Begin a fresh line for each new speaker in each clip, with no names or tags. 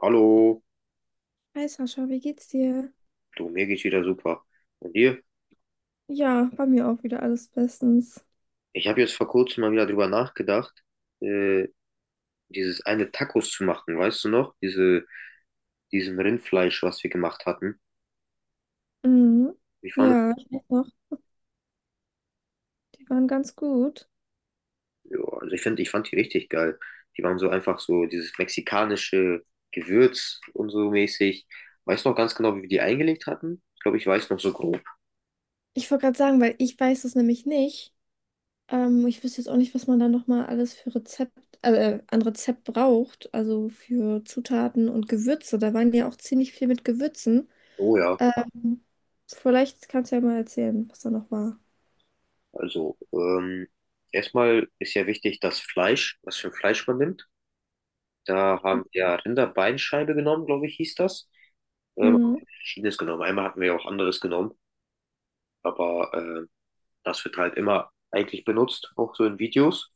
Hallo,
Hi Sascha, wie geht's dir?
du, mir geht's wieder super. Und dir?
Ja, bei mir auch wieder alles bestens.
Ich habe jetzt vor kurzem mal wieder drüber nachgedacht, äh, dieses eine Tacos zu machen, weißt du noch? Diese, diesen Rindfleisch, was wir gemacht hatten.
Mhm.
Ich fand,
Ja, ich weiß noch, die waren ganz gut.
ja, also ich finde, ich fand die richtig geil. Die waren so einfach so dieses mexikanische Gewürz und so mäßig. Weißt du noch ganz genau, wie wir die eingelegt hatten? Ich glaube, ich weiß noch so grob.
Ich wollte gerade sagen, weil ich weiß es nämlich nicht. Ich wüsste jetzt auch nicht, was man da nochmal alles für Rezept, an Rezept braucht, also für Zutaten und Gewürze. Da waren ja auch ziemlich viel mit Gewürzen.
Oh ja,
Ähm, Vielleicht kannst du ja mal erzählen, was da noch war.
also erstmal ist ja wichtig das Fleisch, was für ein Fleisch man nimmt. Da haben wir Rinderbeinscheibe genommen, glaube ich, hieß das. Ähm,
Mhm.
verschiedenes genommen. Einmal hatten wir auch anderes genommen, aber das wird halt immer eigentlich benutzt, auch so in Videos.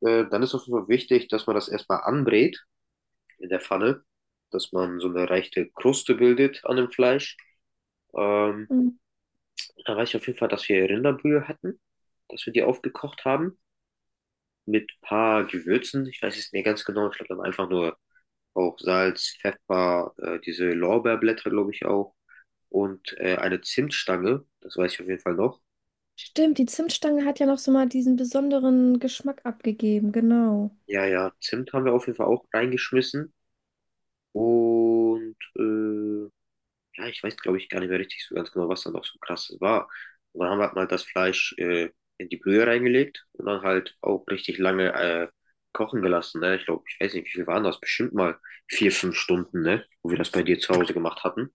Dann ist auf jeden Fall wichtig, dass man das erstmal anbrät in der Pfanne, dass man so eine leichte Kruste bildet an dem Fleisch. Ähm,
Mhm.
da weiß ich auf jeden Fall, dass wir Rinderbrühe hatten, dass wir die aufgekocht haben mit ein paar Gewürzen. Ich weiß es nicht mehr ganz genau, ich glaube, wir haben einfach nur auch Salz, Pfeffer, diese Lorbeerblätter, glaube ich, auch. Und eine Zimtstange, das weiß ich auf jeden Fall noch.
Stimmt, die Zimtstange hat ja noch so mal diesen besonderen Geschmack abgegeben, genau.
Ja, ja, Zimt haben wir auf jeden Fall auch reingeschmissen. Und ja, ich weiß, glaube ich, gar nicht mehr richtig so ganz genau, was da noch so krasses war. Und dann haben wir halt mal das Fleisch in die Brühe reingelegt und dann halt auch richtig lange kochen gelassen. Ne? Ich glaube, ich weiß nicht, wie viel waren das? Bestimmt mal vier, fünf Stunden, ne? Wo wir das bei dir zu Hause gemacht hatten.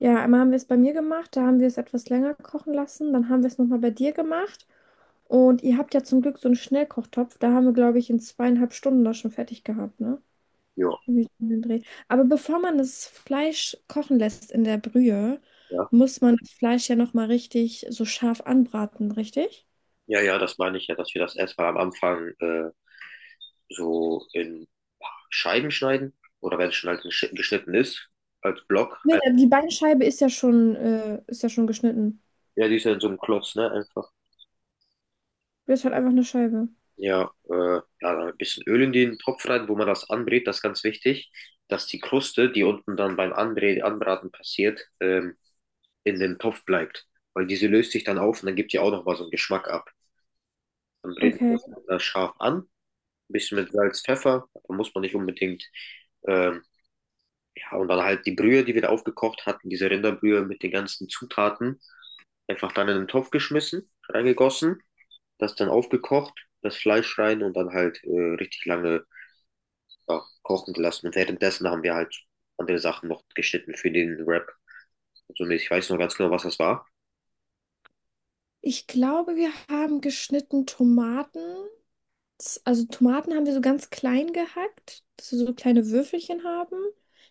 Ja, einmal haben wir es bei mir gemacht, da haben wir es etwas länger kochen lassen. Dann haben wir es nochmal bei dir gemacht. Und ihr habt ja zum Glück so einen Schnellkochtopf. Da haben wir, glaube ich, in zweieinhalb Stunden das schon fertig gehabt, ne?
Ja,
Irgendwie so um den Dreh. Aber bevor man das Fleisch kochen lässt in der Brühe,
ja.
muss man das Fleisch ja nochmal richtig so scharf anbraten, richtig?
Ja, ja, das meine ich ja, dass wir das erstmal am Anfang so in Scheiben schneiden. Oder wenn es schon halt geschnitten ist, als Block.
Nee,
Ein-
die Beinscheibe ist ja schon geschnitten.
Ja, die ist ja in so einem Klotz, ne? Einfach.
Das ist halt einfach eine Scheibe.
Ja, ja, dann ein bisschen Öl in den Topf rein, wo man das anbrät, das ist ganz wichtig, dass die Kruste, die unten dann beim Anbrä Anbraten passiert, in dem Topf bleibt. Weil diese löst sich dann auf und dann gibt die auch nochmal so einen Geschmack ab. Dann brät man
Okay.
das scharf an, ein bisschen mit Salz, Pfeffer, da muss man nicht unbedingt ähm, ja, und dann halt die Brühe, die wir da aufgekocht hatten, diese Rinderbrühe mit den ganzen Zutaten, einfach dann in den Topf geschmissen, reingegossen, das dann aufgekocht, das Fleisch rein und dann halt richtig lange ja, kochen gelassen. Und währenddessen haben wir halt andere Sachen noch geschnitten für den Wrap. Also, nee, ich weiß noch ganz genau, was das war.
Ich glaube, wir haben geschnitten Tomaten. Das, also Tomaten haben wir so ganz klein gehackt, dass wir so kleine Würfelchen haben.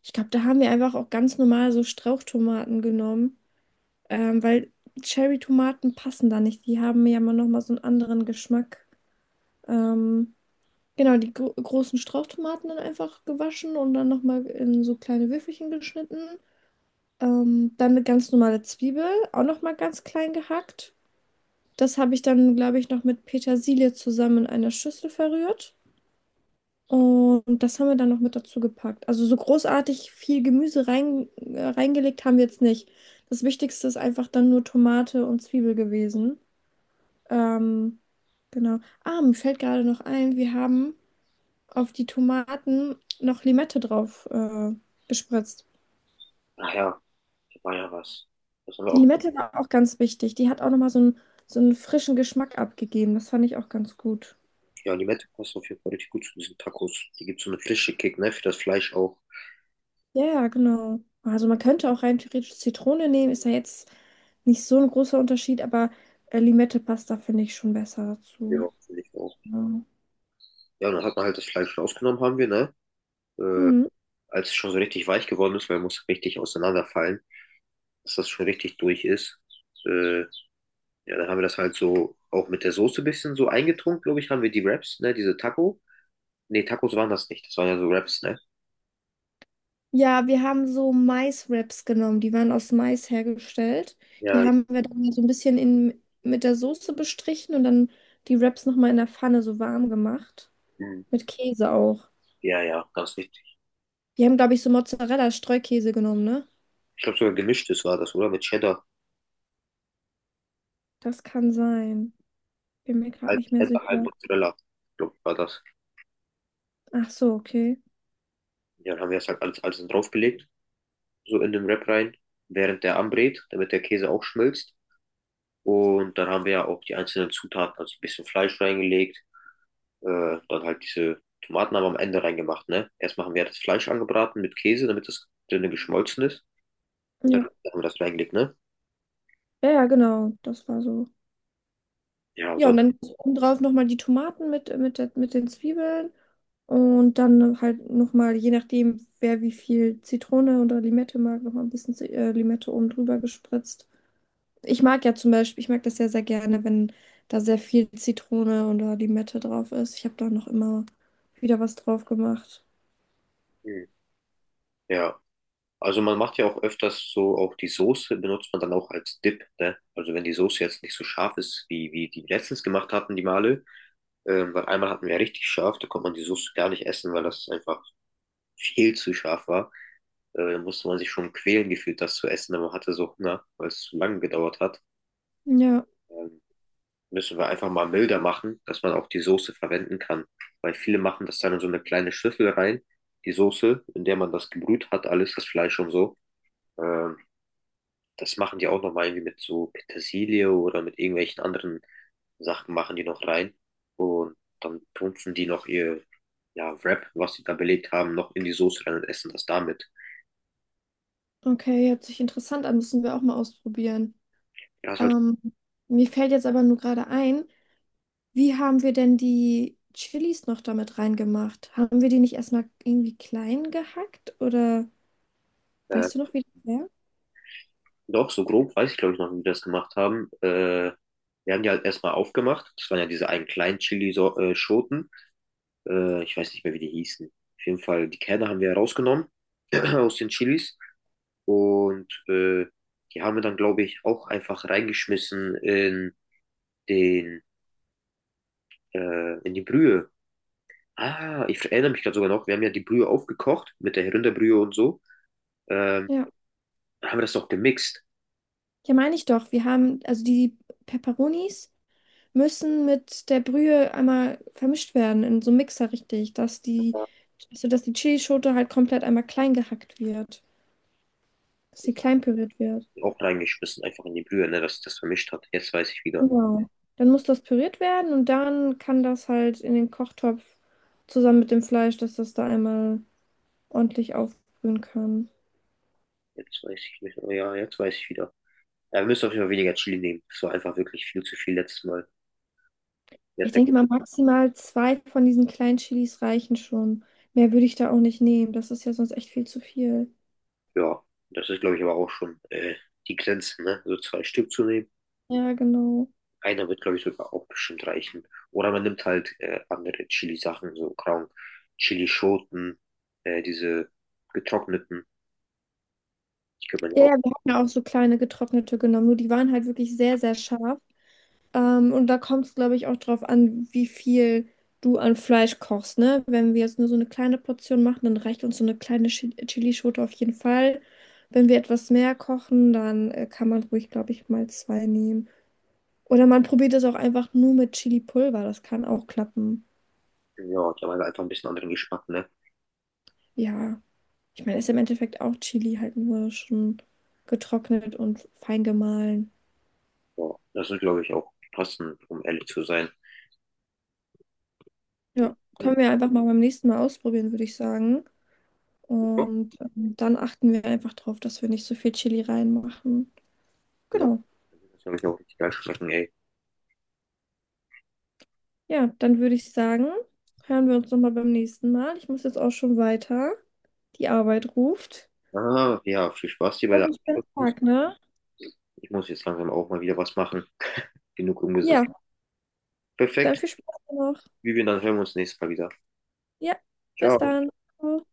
Ich glaube, da haben wir einfach auch ganz normal so Strauchtomaten genommen, weil Cherry-Tomaten passen da nicht. Die haben ja immer noch mal so einen anderen Geschmack. Ähm, genau, die großen Strauchtomaten dann einfach gewaschen und dann noch mal in so kleine Würfelchen geschnitten. Dann eine ganz normale Zwiebel, auch noch mal ganz klein gehackt. Das habe ich dann, glaube ich, noch mit Petersilie zusammen in einer Schüssel verrührt. Und das haben wir dann noch mit dazu gepackt. Also so großartig viel Gemüse rein, reingelegt haben wir jetzt nicht. Das Wichtigste ist einfach dann nur Tomate und Zwiebel gewesen. Ähm, genau. Ah, mir fällt gerade noch ein, wir haben auf die Tomaten noch Limette drauf gespritzt.
Ach ja, das war ja was. Das haben wir
Die
auch.
Limette war auch ganz wichtig. Die hat auch nochmal so einen frischen Geschmack abgegeben. Das fand ich auch ganz gut.
Ja, Limette passt auf jeden Fall richtig gut zu diesen Tacos. Die gibt so eine frische Kick, ne, für das Fleisch auch.
Ja, ja, genau. Also man könnte auch rein theoretisch Zitrone nehmen, ist ja jetzt nicht so ein großer Unterschied, aber Limette-Pasta finde ich schon besser
Ja,
dazu.
finde ich auch.
Ja.
Ja, und dann hat man halt das Fleisch rausgenommen, haben wir, ne? Äh,
Hm.
als es schon so richtig weich geworden ist, weil er muss richtig auseinanderfallen, dass das schon richtig durch ist. Äh, ja, dann haben wir das halt so auch mit der Soße ein bisschen so eingetrunken, glaube ich, haben wir die Wraps, ne, diese Taco. Ne, Tacos waren das nicht, das waren ja so Wraps, ne?
Ja, wir haben so Maiswraps genommen, die waren aus Mais hergestellt. Die
Ja,
haben wir dann so ein bisschen in, mit der Soße bestrichen und dann die Wraps nochmal in der Pfanne so warm gemacht.
hm,
Mit Käse auch.
ja, ja, ganz richtig.
Wir haben, glaube ich, so Mozzarella-Streukäse genommen, ne?
Ich glaube sogar gemischtes war das, oder? Mit
Das kann sein. Bin mir gerade nicht mehr
Cheddar, halb
sicher.
Mozzarella, glaube war das.
Ach so, okay.
Ja, dann haben wir das halt alles, alles draufgelegt, so in den Wrap rein, während der anbrät, damit der Käse auch schmilzt. Und dann haben wir ja auch die einzelnen Zutaten, also ein bisschen Fleisch reingelegt, dann halt diese Tomaten haben wir am Ende reingemacht, ne? Erst machen wir das Fleisch angebraten mit Käse, damit das dünne geschmolzen ist. Und dann
Ja.
haben wir das reingelegt, ne?
Ja, ja, genau, das war so.
Ja, und
Ja, und
sonst,
dann obendrauf nochmal die Tomaten mit, der, mit den Zwiebeln und dann halt nochmal, je nachdem, wer wie viel Zitrone oder Limette mag, nochmal ein bisschen Limette oben drüber gespritzt. Ich mag ja zum Beispiel, ich mag das ja sehr gerne, wenn da sehr viel Zitrone oder Limette drauf ist. Ich habe da noch immer wieder was drauf gemacht.
hm, ja. Also man macht ja auch öfters so, auch die Soße benutzt man dann auch als Dip, ne? Also wenn die Soße jetzt nicht so scharf ist, wie die letztens gemacht hatten, die Male, weil einmal hatten wir ja richtig scharf, da konnte man die Soße gar nicht essen, weil das einfach viel zu scharf war. Da musste man sich schon quälen gefühlt, das zu essen, aber man hatte so Hunger, weil es zu lange gedauert hat.
Ja,
Ähm, müssen wir einfach mal milder machen, dass man auch die Soße verwenden kann. Weil viele machen das dann in so eine kleine Schüssel rein, die Soße, in der man das gebrüht hat, alles, das Fleisch und so. Ähm, das machen die auch nochmal irgendwie mit so Petersilie oder mit irgendwelchen anderen Sachen machen die noch rein. Und dann tunfen die noch ihr ja, Wrap, was sie da belegt haben, noch in die Soße rein und essen das damit.
okay, hört sich interessant an, müssen wir auch mal ausprobieren.
Ja, ist halt,
Ähm, Mir fällt jetzt aber nur gerade ein, wie haben wir denn die Chilis noch damit reingemacht? Haben wir die nicht erstmal irgendwie klein gehackt oder
äh,
weißt du noch, wie das wäre?
doch, so grob weiß ich glaube ich noch, wie die das gemacht haben. Wir haben die halt erstmal aufgemacht. Das waren ja diese einen kleinen Chili-Schoten. Ich weiß nicht mehr, wie die hießen. Auf jeden Fall, die Kerne haben wir rausgenommen aus den Chilis. Und die haben wir dann, glaube ich, auch einfach reingeschmissen in den, in die Brühe. Ah, ich erinnere mich gerade sogar noch, wir haben ja die Brühe aufgekocht mit der Rinderbrühe und so. Ähm,
Ja.
haben wir das noch gemixt.
Ja, meine ich doch. Wir haben, also die Peperonis müssen mit der Brühe einmal vermischt werden in so einem Mixer richtig, dass die, also dass die Chilischote halt komplett einmal klein gehackt wird, dass sie klein püriert wird.
Auch reingeschmissen, einfach in die Brühe, ne, dass sich das vermischt hat. Jetzt weiß ich wieder.
Genau. Dann muss das püriert werden und dann kann das halt in den Kochtopf zusammen mit dem Fleisch, dass das da einmal ordentlich aufbrühen kann.
Jetzt weiß ich nicht. Oh ja, jetzt weiß ich wieder. Ja, wir müssen auf jeden Fall weniger Chili nehmen. Das war einfach wirklich viel zu viel letztes Mal.
Ich denke mal, maximal zwei von diesen kleinen Chilis reichen schon. Mehr würde ich da auch nicht nehmen. Das ist ja sonst echt viel zu viel.
Ja, das ist, glaube ich, aber auch schon die Grenze, ne? So zwei Stück zu nehmen.
Ja, genau.
Einer wird, glaube ich, sogar auch bestimmt reichen. Oder man nimmt halt andere Chili-Sachen, so grauen Chili-Schoten, diese getrockneten. Die könnte man ja
Ja, ja,
auch,
wir hatten ja auch so kleine getrocknete genommen, nur die waren halt wirklich sehr, sehr scharf. Und da kommt es, glaube ich, auch drauf an, wie viel du an Fleisch kochst, ne? Wenn wir jetzt nur so eine kleine Portion machen, dann reicht uns so eine kleine Chilischote auf jeden Fall. Wenn wir etwas mehr kochen, dann kann man ruhig, glaube ich, mal zwei nehmen. Oder man probiert es auch einfach nur mit Chili-Pulver. Das kann auch klappen.
ja, die haben halt einfach ein bisschen anderen Geschmack, ne?
Ja, ich meine, ist im Endeffekt auch Chili, halt nur schon getrocknet und fein gemahlen.
Ja, das ist, glaube ich, auch passend, um ehrlich zu sein.
Ja,
Ja,
können wir einfach mal beim nächsten Mal ausprobieren, würde ich sagen. Und dann achten wir einfach darauf, dass wir nicht so viel Chili reinmachen.
das wird,
Genau.
glaube ich, auch richtig geil schmecken, ey.
Ja, dann würde ich sagen, hören wir uns nochmal beim nächsten Mal. Ich muss jetzt auch schon weiter. Die Arbeit ruft.
Ah, ja, viel Spaß dir bei
Noch
der
einen schönen
Abschluss.
Tag, ne?
Ich muss jetzt langsam auch mal wieder was machen. Genug umgesetzt.
Ja, dann
Perfekt.
viel Spaß noch.
Vivian, dann hören wir uns nächstes Mal wieder.
Ja, bis
Ciao.
dann. Ciao.